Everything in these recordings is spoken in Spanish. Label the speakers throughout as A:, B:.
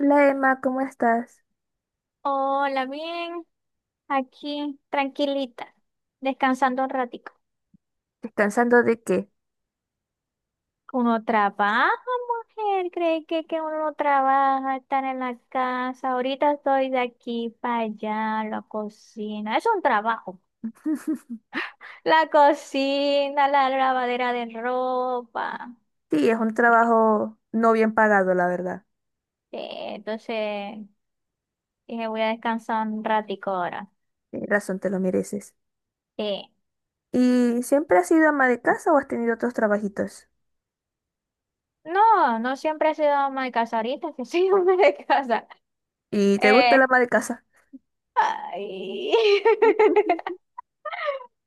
A: Hola Emma, ¿cómo estás?
B: Hola, bien, aquí tranquilita, descansando un ratico.
A: ¿Descansando de qué?
B: Uno trabaja, mujer, cree que, uno no trabaja, estar en la casa. Ahorita estoy de aquí para allá, la cocina, es un trabajo. La cocina, la lavadera de ropa.
A: Sí, es un trabajo no bien pagado, la verdad.
B: Entonces, dije, voy a descansar un ratico ahora.
A: Tienes razón, te lo mereces.
B: Eh,
A: ¿Y siempre has sido ama de casa o has tenido otros trabajitos?
B: no, no siempre he sido ama de casa, ahorita que soy ama de casa.
A: ¿Y te gusta la
B: Eh,
A: ama de casa?
B: Ay.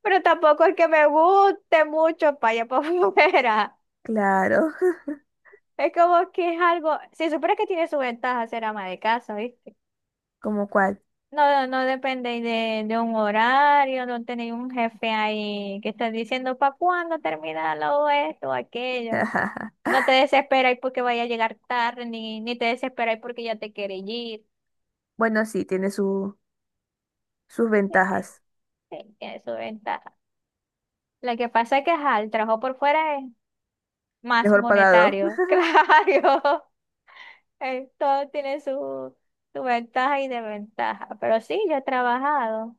B: Pero tampoco es que me guste mucho para allá para afuera.
A: Claro.
B: Es como que es algo, si supieras que tiene su ventaja ser ama de casa, ¿viste?
A: ¿Como cuál?
B: No, no depende de un horario, no tenéis un jefe ahí que está diciendo para cuándo termina lo esto o aquello. No te desesperáis porque vaya a llegar tarde, ni te desesperáis porque ya te quiere ir.
A: Bueno, sí, tiene sus
B: Sí,
A: ventajas.
B: sí, tiene su ventaja. Lo que pasa es que ajá, el trabajo por fuera es más
A: Mejor pagado.
B: monetario, claro. Todo tiene su ventaja y desventaja, pero sí, yo he trabajado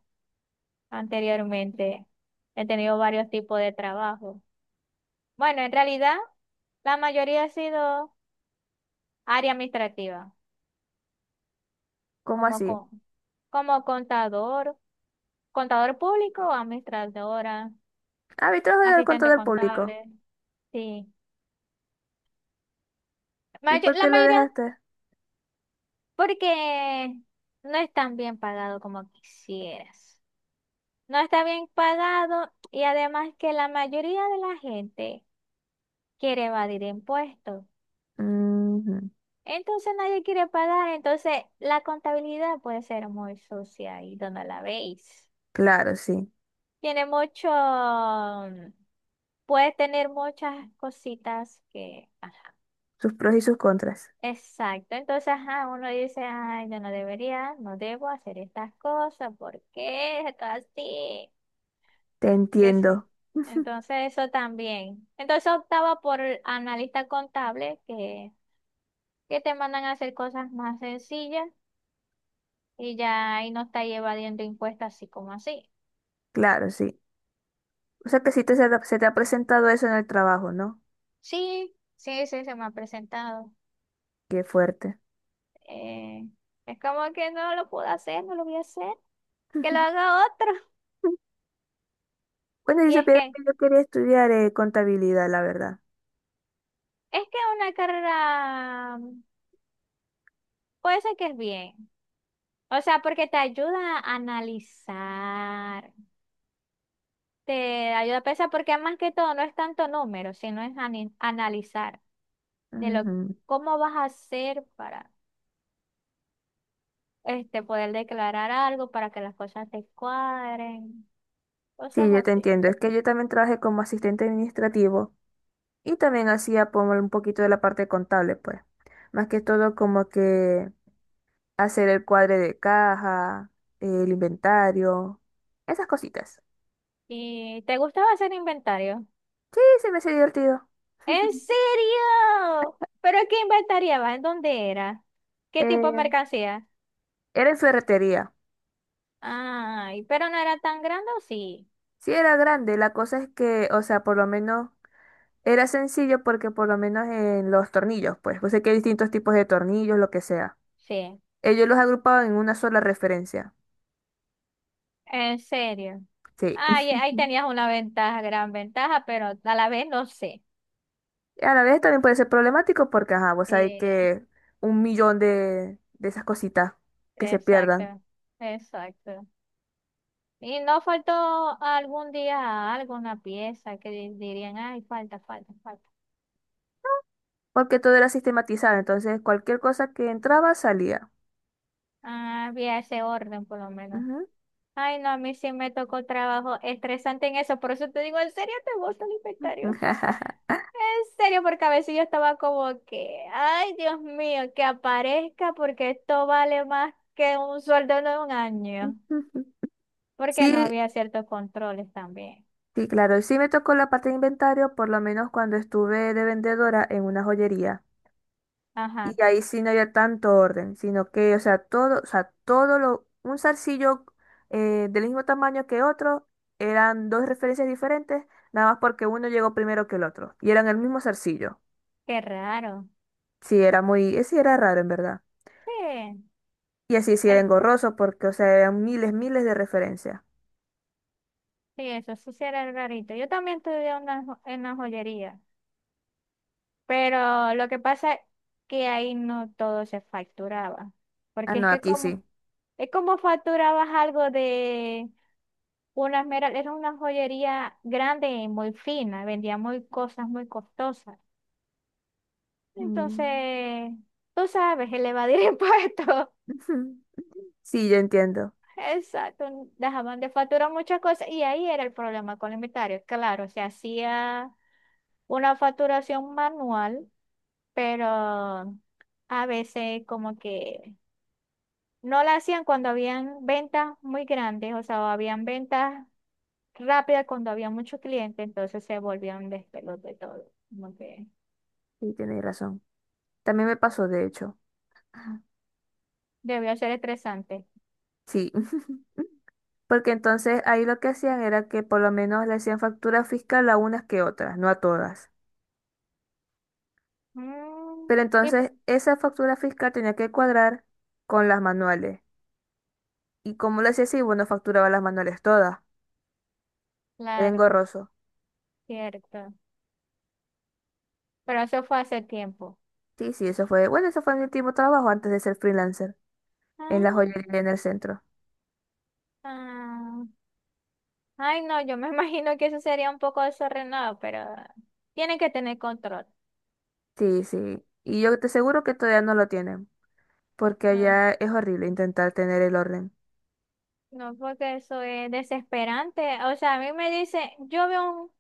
B: anteriormente, he tenido varios tipos de trabajo. Bueno, en realidad la mayoría ha sido área administrativa,
A: ¿Cómo
B: como,
A: así?
B: con, como contador, contador público, administradora,
A: Ah, vi trabajo con todo
B: asistente
A: el público.
B: contable, sí.
A: ¿Y
B: Mayo-
A: por
B: la
A: qué lo
B: mayoría,
A: dejaste?
B: porque no es tan bien pagado como quisieras. No está bien pagado y además que la mayoría de la gente quiere evadir impuestos.
A: Ujú.
B: Entonces nadie quiere pagar, entonces la contabilidad puede ser muy sucia y donde la veis.
A: Claro, sí.
B: Tiene mucho, puede tener muchas cositas que, ajá.
A: Sus pros y sus contras.
B: Exacto, entonces ajá, uno dice, ay, yo no debería, no debo hacer estas cosas, ¿por qué? Esto así.
A: Te
B: Que sí.
A: entiendo.
B: Entonces eso también. Entonces optaba por el analista contable que te mandan a hacer cosas más sencillas y ya ahí no está evadiendo impuestos así como así.
A: Claro, sí. O sea que sí te, se te ha presentado eso en el trabajo, ¿no?
B: Sí, sí, sí, se me ha presentado.
A: Qué fuerte.
B: Eh, es como que no lo puedo hacer, no lo voy a hacer, que lo haga otro.
A: Bueno, si
B: Y es
A: supieras
B: que,
A: que yo quería estudiar contabilidad, la verdad.
B: es que una carrera puede ser que es bien. O sea, porque te ayuda a analizar. Te ayuda a pensar porque más que todo no es tanto número, sino es analizar de lo
A: Ujú.
B: cómo vas a hacer para este poder declarar algo, para que las cosas te cuadren,
A: Sí,
B: cosas
A: yo te
B: así.
A: entiendo. Es que yo también trabajé como asistente administrativo y también hacía como un poquito de la parte contable, pues. Más que todo como que hacer el cuadre de caja, el inventario, esas cositas.
B: ¿Y te gustaba hacer inventario?
A: Sí, se me hacía divertido.
B: ¿En serio? ¿Pero qué inventariabas? ¿En dónde era? ¿Qué tipo de
A: Eh,
B: mercancía?
A: Era en ferretería.
B: Ay, pero no era tan grande, ¿o sí?
A: Sí, era grande. La cosa es que, o sea, por lo menos era sencillo porque por lo menos en los tornillos, pues, pues sé que hay distintos tipos de tornillos, lo que sea.
B: Sí,
A: Ellos los agrupaban en una sola referencia.
B: en serio.
A: Sí.
B: Ay, ahí tenías una ventaja, gran ventaja, pero a la vez no sé.
A: Y a la vez también puede ser problemático porque, ajá, vos sabés
B: Eh,
A: que un millón de esas cositas que se pierdan.
B: Exacto, exacto. Y no faltó algún día alguna pieza que dirían, ay, falta, falta, falta.
A: Porque todo era sistematizado, entonces cualquier cosa que entraba salía.
B: Ah, había ese orden por lo menos.
A: Ujú.
B: Ay, no, a mí sí me tocó trabajo estresante en eso, por eso te digo, ¿en serio te gusta el inventario? En serio, porque a veces yo estaba como que, ay, Dios mío, que aparezca porque esto vale más que un sueldo de un año, porque no
A: Sí,
B: había ciertos controles también.
A: sí, claro, sí me tocó la parte de inventario, por lo menos cuando estuve de vendedora en una joyería.
B: Ajá,
A: Y ahí sí no había tanto orden, sino que, o sea, todo lo, un zarcillo del mismo tamaño que otro, eran dos referencias diferentes, nada más porque uno llegó primero que el otro. Y eran el mismo zarcillo.
B: qué raro.
A: Sí, era muy, sí era raro en verdad.
B: Sí.
A: Y así sí era
B: Es,
A: engorroso porque, o sea, eran miles, miles de referencias.
B: sí, eso sí era rarito. Yo también estudié una en la joyería, pero lo que pasa es que ahí no todo se facturaba,
A: Ah,
B: porque es
A: no,
B: que
A: aquí sí.
B: es como facturabas algo de una esmeralda, era una joyería grande y muy fina, vendía muy cosas muy costosas.
A: Mm.
B: Entonces, tú sabes, elevar el impuesto.
A: Sí, yo entiendo.
B: Exacto, dejaban de facturar muchas cosas y ahí era el problema con el inventario. Claro, se hacía una facturación manual, pero a veces como que no la hacían cuando habían ventas muy grandes, o sea, o habían ventas rápidas cuando había muchos clientes, entonces se volvía un despelote todo, como que
A: Sí, tenéis razón. También me pasó, de hecho.
B: debió ser estresante.
A: Sí. Porque entonces ahí lo que hacían era que por lo menos le hacían factura fiscal a unas que otras, no a todas.
B: Mm,
A: Pero
B: y
A: entonces esa factura fiscal tenía que cuadrar con las manuales. ¿Y como lo hacía así? Bueno, facturaba las manuales todas. Era
B: claro,
A: engorroso.
B: cierto, pero eso fue hace tiempo.
A: Sí, sí, eso fue. Bueno, eso fue mi último trabajo antes de ser freelancer en la
B: Ah,
A: joyería en el centro.
B: ah. Ay, no, yo me imagino que eso sería un poco desordenado, pero tienen que tener control.
A: Sí, sí. Y yo te aseguro que todavía no lo tienen, porque
B: ¿No?
A: allá es horrible intentar tener el orden.
B: No, porque eso es desesperante. O sea, a mí me dice, yo veo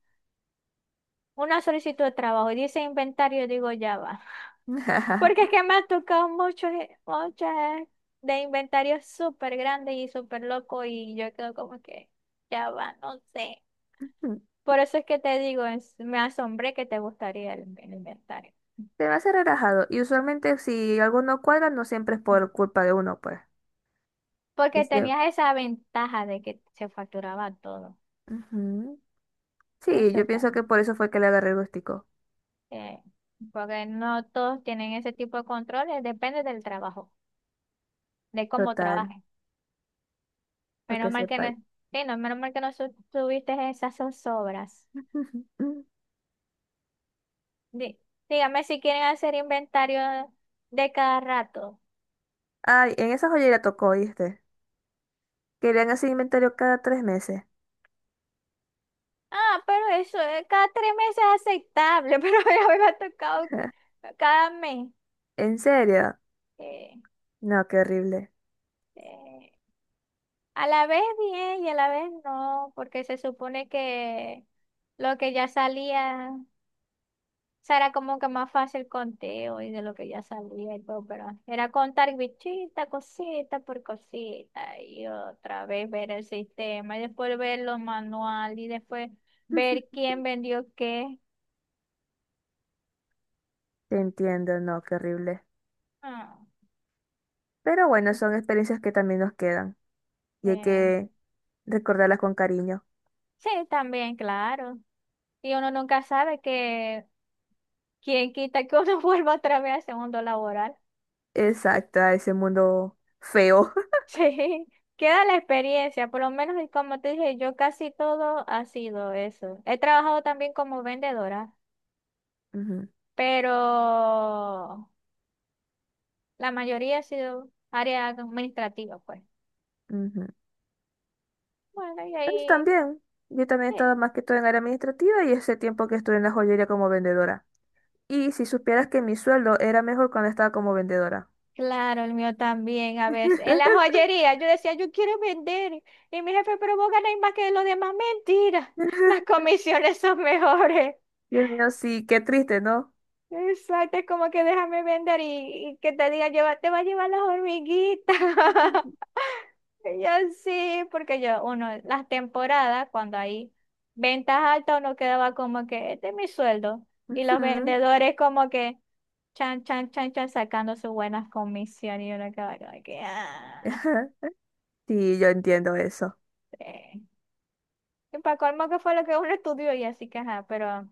B: una solicitud de trabajo y dice inventario, digo, ya va. Porque es que me ha tocado muchos, muchas de inventarios súper grandes y súper locos y yo quedo como que, ya va, no sé. Por eso es que te digo, me asombré que te gustaría el inventario.
A: Se me hace relajado. Y usualmente si algo no cuadra, no siempre es por culpa de uno, pues.
B: Porque
A: Este,
B: tenías esa ventaja de que se facturaba todo.
A: ujú. Sí,
B: Eso
A: yo
B: está
A: pienso que por eso fue que le agarré el gustico.
B: eh, porque no todos tienen ese tipo de controles, depende del trabajo, de cómo
A: Total,
B: trabajes.
A: para que
B: Menos mal que
A: sepa.
B: no, sí, no, menos mal que no tuviste esas zozobras. Di- Dígame si quieren hacer inventario de cada rato.
A: Ay, en esa joyería tocó, ¿viste? Querían hacer inventario cada tres meses.
B: Ah, pero eso, cada 3 meses es aceptable, pero ya me ha tocado cada mes.
A: ¿En serio?
B: Eh,
A: No, qué horrible.
B: eh, a la vez bien y a la vez no, porque se supone que lo que ya salía. O sea, era como que más fácil conteo y de lo que ya sabía y todo, pero era contar bichita, cosita por cosita y otra vez ver el sistema y después ver los manuales y después ver quién vendió qué.
A: Te entiendo, no, qué horrible.
B: Ah,
A: Pero bueno, son experiencias que también nos quedan y hay
B: eh,
A: que recordarlas con cariño.
B: Sí, también, claro. Y uno nunca sabe que quién quita que uno vuelva otra vez al segundo laboral.
A: Exacto, a ese mundo feo.
B: Sí, queda la experiencia, por lo menos y como te dije, yo casi todo ha sido eso. He trabajado también como vendedora.
A: Ujú,
B: Pero la mayoría ha sido área administrativa, pues.
A: ujú.
B: Bueno, y
A: Él
B: ahí,
A: también. Yo también he
B: sí.
A: estado más que todo en área administrativa y ese tiempo que estuve en la joyería como vendedora. Y si supieras que mi sueldo era mejor cuando estaba como vendedora.
B: Claro, el mío también, a veces. En la joyería, yo decía, yo quiero vender. Y mi jefe, pero vos ganáis más que los demás. Mentira, las comisiones son mejores.
A: Dios mío, sí, qué triste, ¿no?
B: Exacto, es como que déjame vender y que te diga, lleva, te va a llevar las hormiguitas. Y yo sí, porque yo, uno, las temporadas, cuando hay ventas altas, uno quedaba como que, este es mi sueldo. Y los
A: Ujú.
B: vendedores como que, chan, chan, chan, chan, sacando sus buenas comisiones y uno quedaba como que, ah,
A: Sí, yo entiendo eso.
B: sí. Y para colmo que fue lo que uno estudió y así que ajá, pero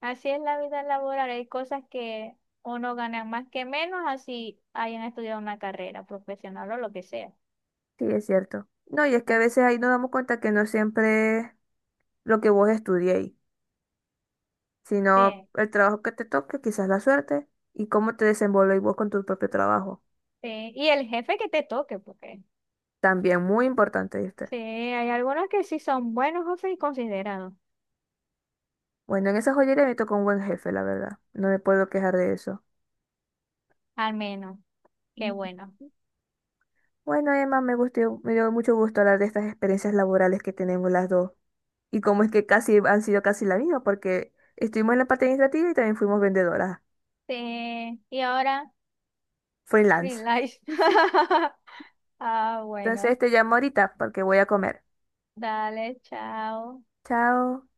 B: así es la vida laboral. Hay cosas que uno gana más que menos así hayan estudiado una carrera profesional o lo que sea.
A: Sí, es cierto. No, y es que a
B: Sí,
A: veces ahí nos damos cuenta que no siempre es lo que vos estudiéis, sino
B: sí,
A: el trabajo que te toque, quizás la suerte, y cómo te desenvolvéis vos con tu propio trabajo.
B: sí. Y el jefe que te toque, porque
A: También muy importante.
B: sí, hay algunos que sí son buenos jefes y considerados,
A: Bueno, en esa joyería me tocó un buen jefe, la verdad. No me puedo quejar de eso.
B: al menos. Qué
A: Mm.
B: bueno.
A: Bueno, Emma, me gustó, me dio mucho gusto hablar de estas experiencias laborales que tenemos las dos. Y cómo es que casi han sido casi la misma, porque estuvimos en la parte administrativa y también fuimos vendedoras,
B: Sí, y ahora, free
A: freelance.
B: life. Ah,
A: Entonces
B: bueno.
A: te llamo ahorita porque voy a comer.
B: Dale, chao.
A: Chao.